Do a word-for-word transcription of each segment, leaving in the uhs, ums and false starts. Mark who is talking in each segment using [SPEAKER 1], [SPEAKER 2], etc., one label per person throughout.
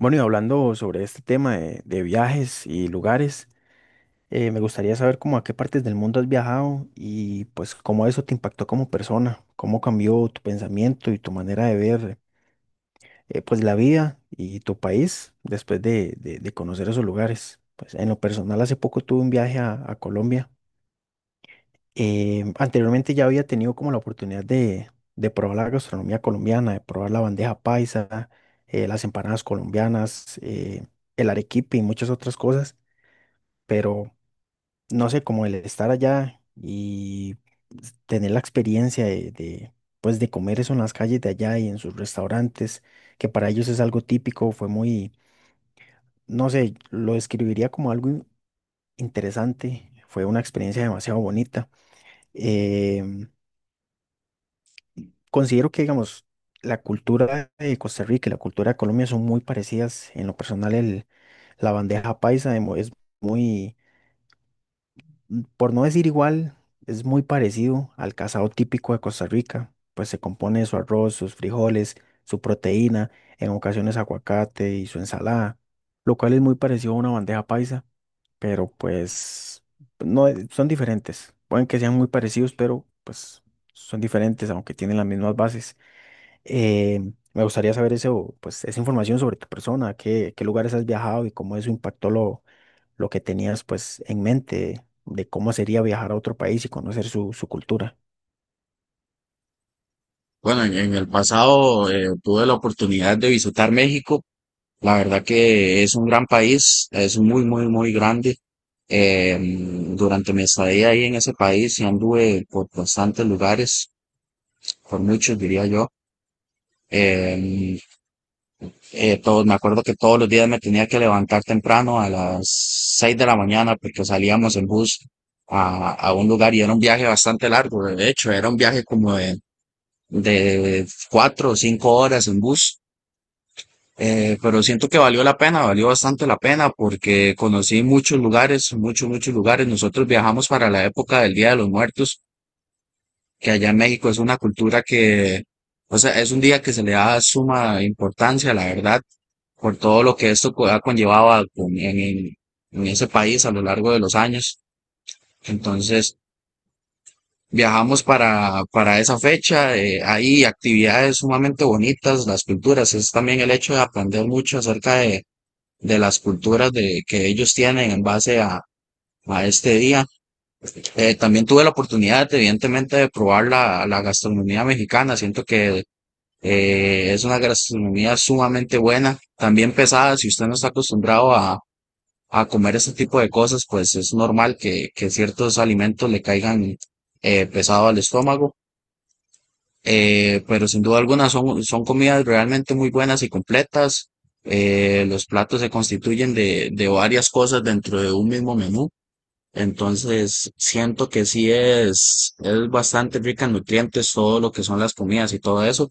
[SPEAKER 1] Bueno, y hablando sobre este tema de, de viajes y lugares, eh, me gustaría saber cómo a qué partes del mundo has viajado y pues cómo eso te impactó como persona, cómo cambió tu pensamiento y tu manera de ver eh, pues la vida y tu país después de, de- de conocer esos lugares. Pues en lo personal hace poco tuve un viaje a, a Colombia. Eh, anteriormente ya había tenido como la oportunidad de, de probar la gastronomía colombiana, de probar la bandeja paisa, eh, las empanadas colombianas, eh, el arequipe y muchas otras cosas, pero no sé, como el estar allá y s- tener la experiencia de, de, pues de comer eso en las calles de allá y en sus restaurantes, que para ellos es algo típico, fue muy, no sé, lo describiría como algo in- interesante. Fue una experiencia demasiado bonita. eh, Considero que, digamos, la cultura de Costa Rica y la cultura de Colombia son muy parecidas. En lo personal, el, la bandeja paisa de mo- es muy, mm, por no decir igual, es muy parecido al casado típico de Costa Rica. Pues se compone de su arroz, sus frijoles, su proteína, en ocasiones aguacate y su ensalada, lo cual es muy parecido a una bandeja paisa, pero pues no, eh, son diferentes. Pueden que sean muy parecidos, pero pues son diferentes, aunque tienen las mismas bases. Eh, Me gustaría saber eso, pues, esa información sobre tu persona, qué, qué lugares has viajado y cómo eso impactó lo, lo que tenías pues en mente de cómo sería viajar a otro país y conocer su, su cultura.
[SPEAKER 2] Bueno, en, en el pasado eh, tuve la oportunidad de visitar México. La verdad que es un gran país, es muy, muy, muy grande. Eh, durante mi estadía ahí en ese país, y anduve por bastantes lugares, por muchos diría yo. Eh, eh, todo- Me acuerdo que todos los días me tenía que levantar temprano a las seis de la mañana porque salíamos en bus a, a un lugar y era un viaje bastante largo. De hecho, era un viaje como de, de cuatro o cinco horas en bus. Eh, pero siento que valió la pena, valió bastante la pena porque conocí muchos lugares, muchos, muchos lugares. Nosotros viajamos para la época del Día de los Muertos, que allá en México es una cultura que, o sea, es un día que se le da suma importancia, la verdad, por todo lo que esto co- ha conllevado a- con- en, en- en ese país a lo largo de los años. Entonces, viajamos para, para esa fecha, eh, hay actividades sumamente bonitas, las culturas, es también el hecho de aprender mucho acerca de de las culturas de, que ellos tienen en base a, a este día. Eh, también tuve la oportunidad, evidentemente, de probar la, la gastronomía mexicana. Siento que eh, es una gastronomía sumamente buena, también pesada. Si usted no está acostumbrado a, a comer ese tipo de cosas, pues es normal que, que ciertos alimentos le caigan eh, pesado al estómago, eh, pero sin duda alguna son, son comidas realmente muy buenas y completas. Eh, los platos se constituyen de, de varias cosas dentro de un mismo menú. Entonces, siento que sí es, es bastante rica en nutrientes todo lo que son las comidas y todo eso.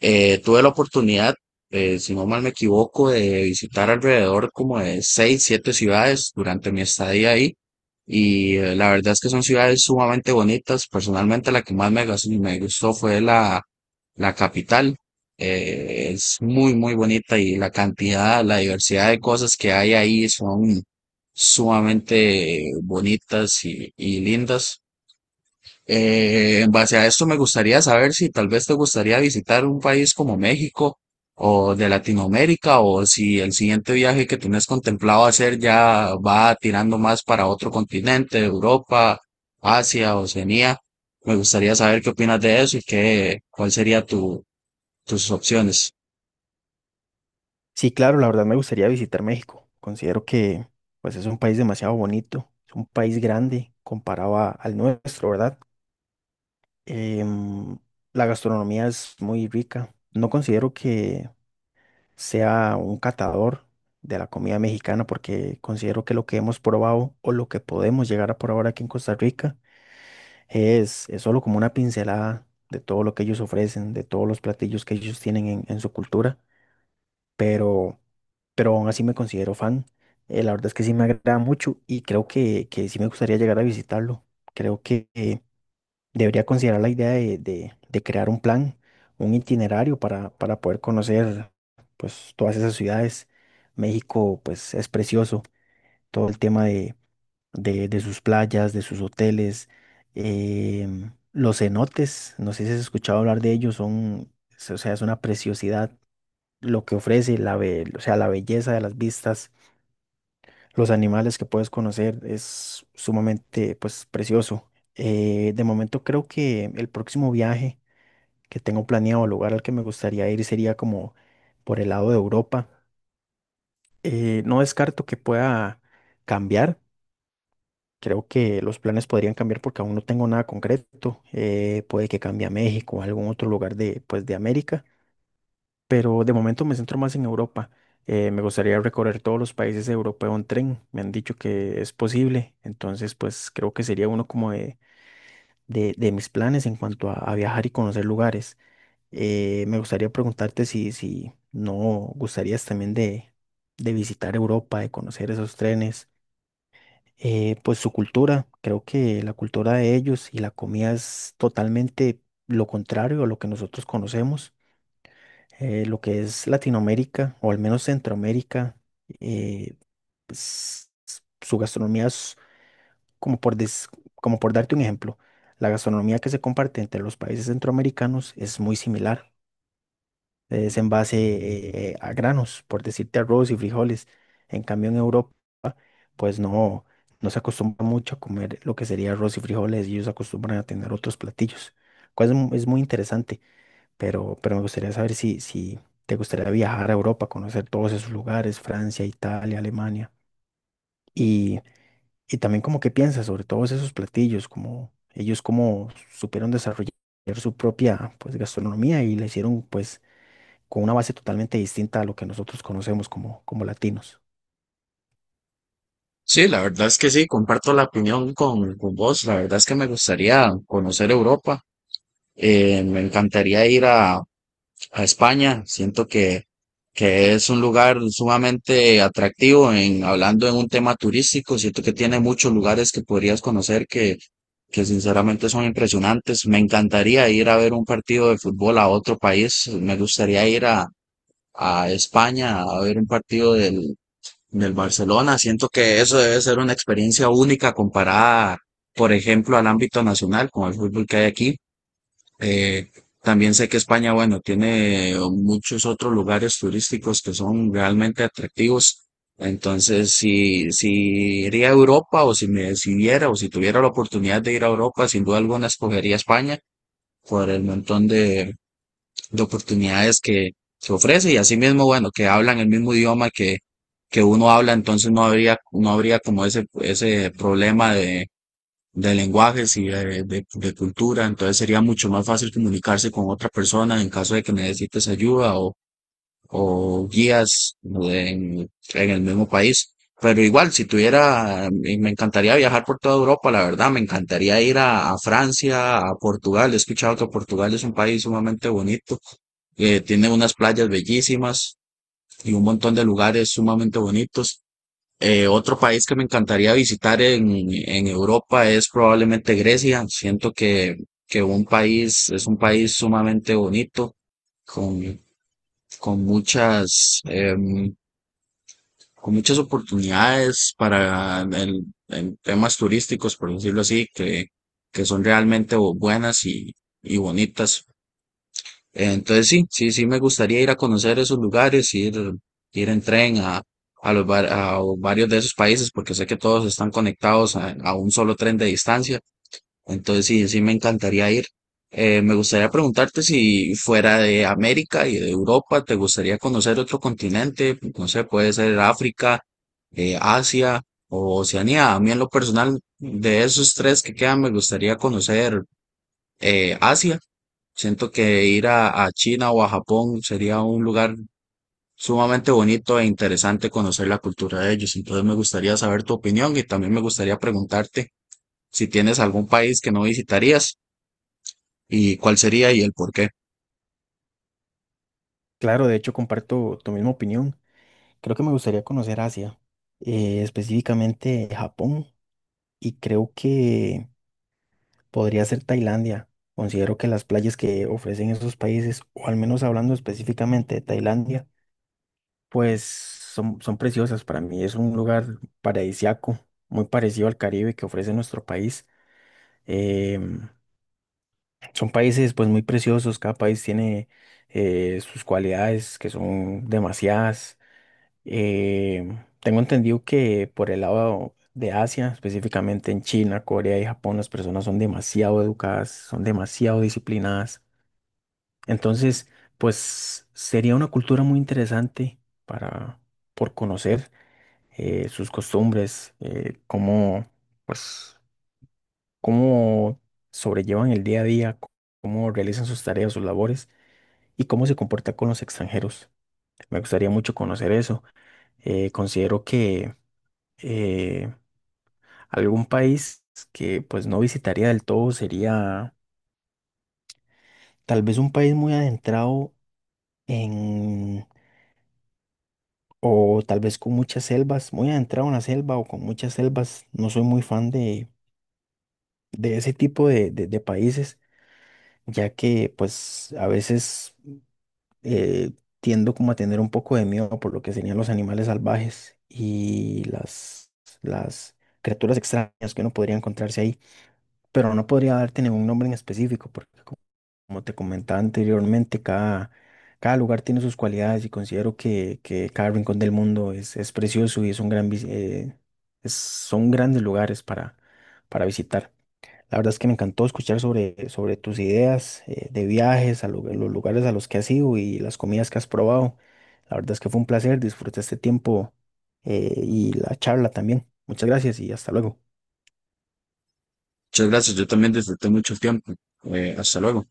[SPEAKER 2] Eh, tuve la oportunidad, eh, si no mal me equivoco, de visitar alrededor como de seis, siete ciudades durante mi estadía ahí. Y eh, la verdad es que son ciudades sumamente bonitas. Personalmente, la que más me, gas- me gustó fue la, la capital. Eh, es muy, muy bonita y la cantidad, la diversidad de cosas que hay ahí son sumamente bonitas y, y lindas. Eh, en base a esto me gustaría saber si tal vez te gustaría visitar un país como México o de Latinoamérica o si el siguiente viaje que tienes contemplado hacer ya va tirando más para otro continente, Europa, Asia, Oceanía. Me gustaría saber qué opinas de eso y qué, cuál sería tu, tus opciones.
[SPEAKER 1] Sí, claro, la verdad me gustaría visitar México. Considero que pues es un país demasiado bonito, es un país grande comparado a- al nuestro, ¿verdad? Em, la gastronomía es muy rica. No considero que sea un catador de la comida mexicana, porque considero que lo que hemos probado o lo que podemos llegar a probar aquí en Costa Rica es, es solo como una pincelada de todo lo que ellos ofrecen, de todos los platillos que ellos tienen en, en su cultura, pero, pero aún así me considero fan. Eh, la verdad es que sí me agrada mucho y creo que, que sí me gustaría llegar a visitarlo. Creo que, eh, debería considerar la idea de, de- de crear un plan, un itinerario para, para poder conocer pues todas esas ciudades. México pues es precioso, todo el tema de, de- de sus playas, de sus hoteles, em, los cenotes, no sé si has escuchado hablar de ellos, son, es- o sea, es una preciosidad lo que ofrece, la, be- o sea, la belleza de las vistas, los animales que puedes conocer, es sumamente pues precioso. Eh, de momento creo que el próximo viaje que tengo planeado, el lugar al que me gustaría ir sería como por el lado de Europa. Eh, no descarto que pueda cambiar. Creo que los planes podrían cambiar porque aún no tengo nada concreto. Eh, puede que cambie a México o a algún otro lugar de, pues, de América, pero de momento me centro más en Europa. Eh, me gustaría recorrer todos los países europeos en tren. Me han dicho que es posible, entonces pues creo que sería uno como de, de, de mis planes en cuanto a a viajar y conocer lugares. Eh, me gustaría preguntarte si, si no gustarías también de, de visitar Europa, de conocer esos trenes, eh, pues su cultura, creo que la cultura de ellos y la comida es totalmente lo contrario a lo que nosotros conocemos. Eh, lo que es Latinoamérica o al menos Centroamérica, eh, pues, su gastronomía es como por, des- como por darte un ejemplo, la gastronomía que se comparte entre los países centroamericanos es muy similar. Es en base eh, eh, a granos, por decirte arroz y frijoles. En cambio, en Europa, pues no, no se acostumbra mucho a comer lo que sería arroz y frijoles, y ellos acostumbran a tener otros platillos, cual es, mu- es muy interesante, pero, pero me gustaría saber si, si te gustaría viajar a Europa, conocer todos esos lugares, Francia, Italia, Alemania, y, y también como qué piensas sobre todos esos platillos, como ellos cómo supieron desarrollar su propia pues gastronomía y la hicieron pues con una base totalmente distinta a lo que nosotros conocemos como, como latinos.
[SPEAKER 2] Sí, la verdad es que sí, comparto la opinión con, con vos. La verdad es que me gustaría conocer Europa. Eh, me encantaría ir a, a España. Siento que, que es un lugar sumamente atractivo en hablando en un tema turístico. Siento que tiene muchos lugares que podrías conocer que, que sinceramente son impresionantes. Me encantaría ir a ver un partido de fútbol a otro país. Me gustaría ir a, a España a ver un partido del, del Barcelona. Siento que eso debe ser una experiencia única comparada, por ejemplo, al ámbito nacional con el fútbol que hay aquí. Eh, También sé que España, bueno, tiene muchos otros lugares turísticos que son realmente atractivos. Entonces, si, si iría a Europa o si me decidiera o si tuviera la oportunidad de ir a Europa, sin duda alguna escogería España por el montón de, de oportunidades que, que ofrece y asimismo, bueno, que hablan el mismo idioma que, que uno habla, entonces no habría, no habría como ese, ese problema de lenguajes y de, de- de cultura, entonces sería mucho más fácil comunicarse con otra persona en caso de que necesites ayuda o, o guías en, en el mismo país. Pero igual, si tuviera, y me encantaría viajar por toda Europa, la verdad, me encantaría ir a, a Francia, a Portugal. He escuchado que Portugal es un país sumamente bonito, eh, tiene unas playas bellísimas y un montón de lugares sumamente bonitos. Eh, otro país que me encantaría visitar en, en Europa es probablemente Grecia. Siento que, que un país, es un país sumamente bonito, con, con muchas, em, con muchas oportunidades para el, en temas turísticos, por decirlo así, que, que son realmente bu- buenas y, y bonitas. Entonces sí, sí, sí me gustaría ir a conocer esos lugares, ir, ir en tren a, a los var- a varios de esos países, porque sé que todos están conectados a, a un solo tren de distancia. Entonces sí, sí me encantaría ir. Eh, me gustaría preguntarte si fuera de América y de Europa, ¿te gustaría conocer otro continente? No sé, puede ser África, eh, Asia o Oceanía. A mí en lo personal, de esos tres que quedan, me gustaría conocer eh, Asia. Siento que ir a, a China o a Japón sería un lugar sumamente bonito e interesante conocer la cultura de ellos. Entonces me gustaría saber tu opinión y también me gustaría preguntarte si tienes algún país que no visitarías y cuál sería y el por qué.
[SPEAKER 1] Claro, de hecho comparto tu misma opinión. Creo que me gustaría conocer Asia, eh, específicamente Japón, y creo que podría ser Tailandia. Considero que las playas que ofrecen esos países, o al menos hablando específicamente de Tailandia, pues son, son preciosas para mí. Es un lugar paradisiaco, muy parecido al Caribe que ofrece nuestro país. em, Son países pues muy preciosos, cada país tiene eh, sus cualidades que son demasiadas. Eh, Tengo entendido que por el lado de Asia, específicamente en China, Corea y Japón, las personas son demasiado educadas, son demasiado disciplinadas. Entonces, pues sería una cultura muy interesante para por conocer eh, sus costumbres, eh, cómo pues cómo sobrellevan el día a día, cómo realizan sus tareas, sus labores y cómo se comporta con los extranjeros. Me gustaría mucho conocer eso. Eh, considero que eh, algún país que pues no visitaría del todo sería tal vez un país muy adentrado en, o tal vez con muchas selvas, muy adentrado en la selva o con muchas selvas. No soy muy fan de, de ese tipo de, de- de países, ya que pues a veces eh, tiendo como a tener un poco de miedo por lo que serían los animales salvajes y las, las criaturas extrañas que uno podría encontrarse ahí, pero no podría darte ningún nombre en específico, porque co- como te comentaba anteriormente, cada, cada lugar tiene sus cualidades y considero que, que cada rincón del mundo es, es precioso y es un gran, vis- eh, es- son grandes lugares para, para visitar. La verdad es que me encantó escuchar sobre, sobre tus ideas eh, de viajes, a lu- los lugares a los que has ido y las comidas que has probado. La verdad es que fue un placer, disfruté este tiempo eh, y la charla también. Muchas gracias y hasta luego.
[SPEAKER 2] Muchas gracias, yo también disfruté mucho el tiempo. Eh, hasta luego.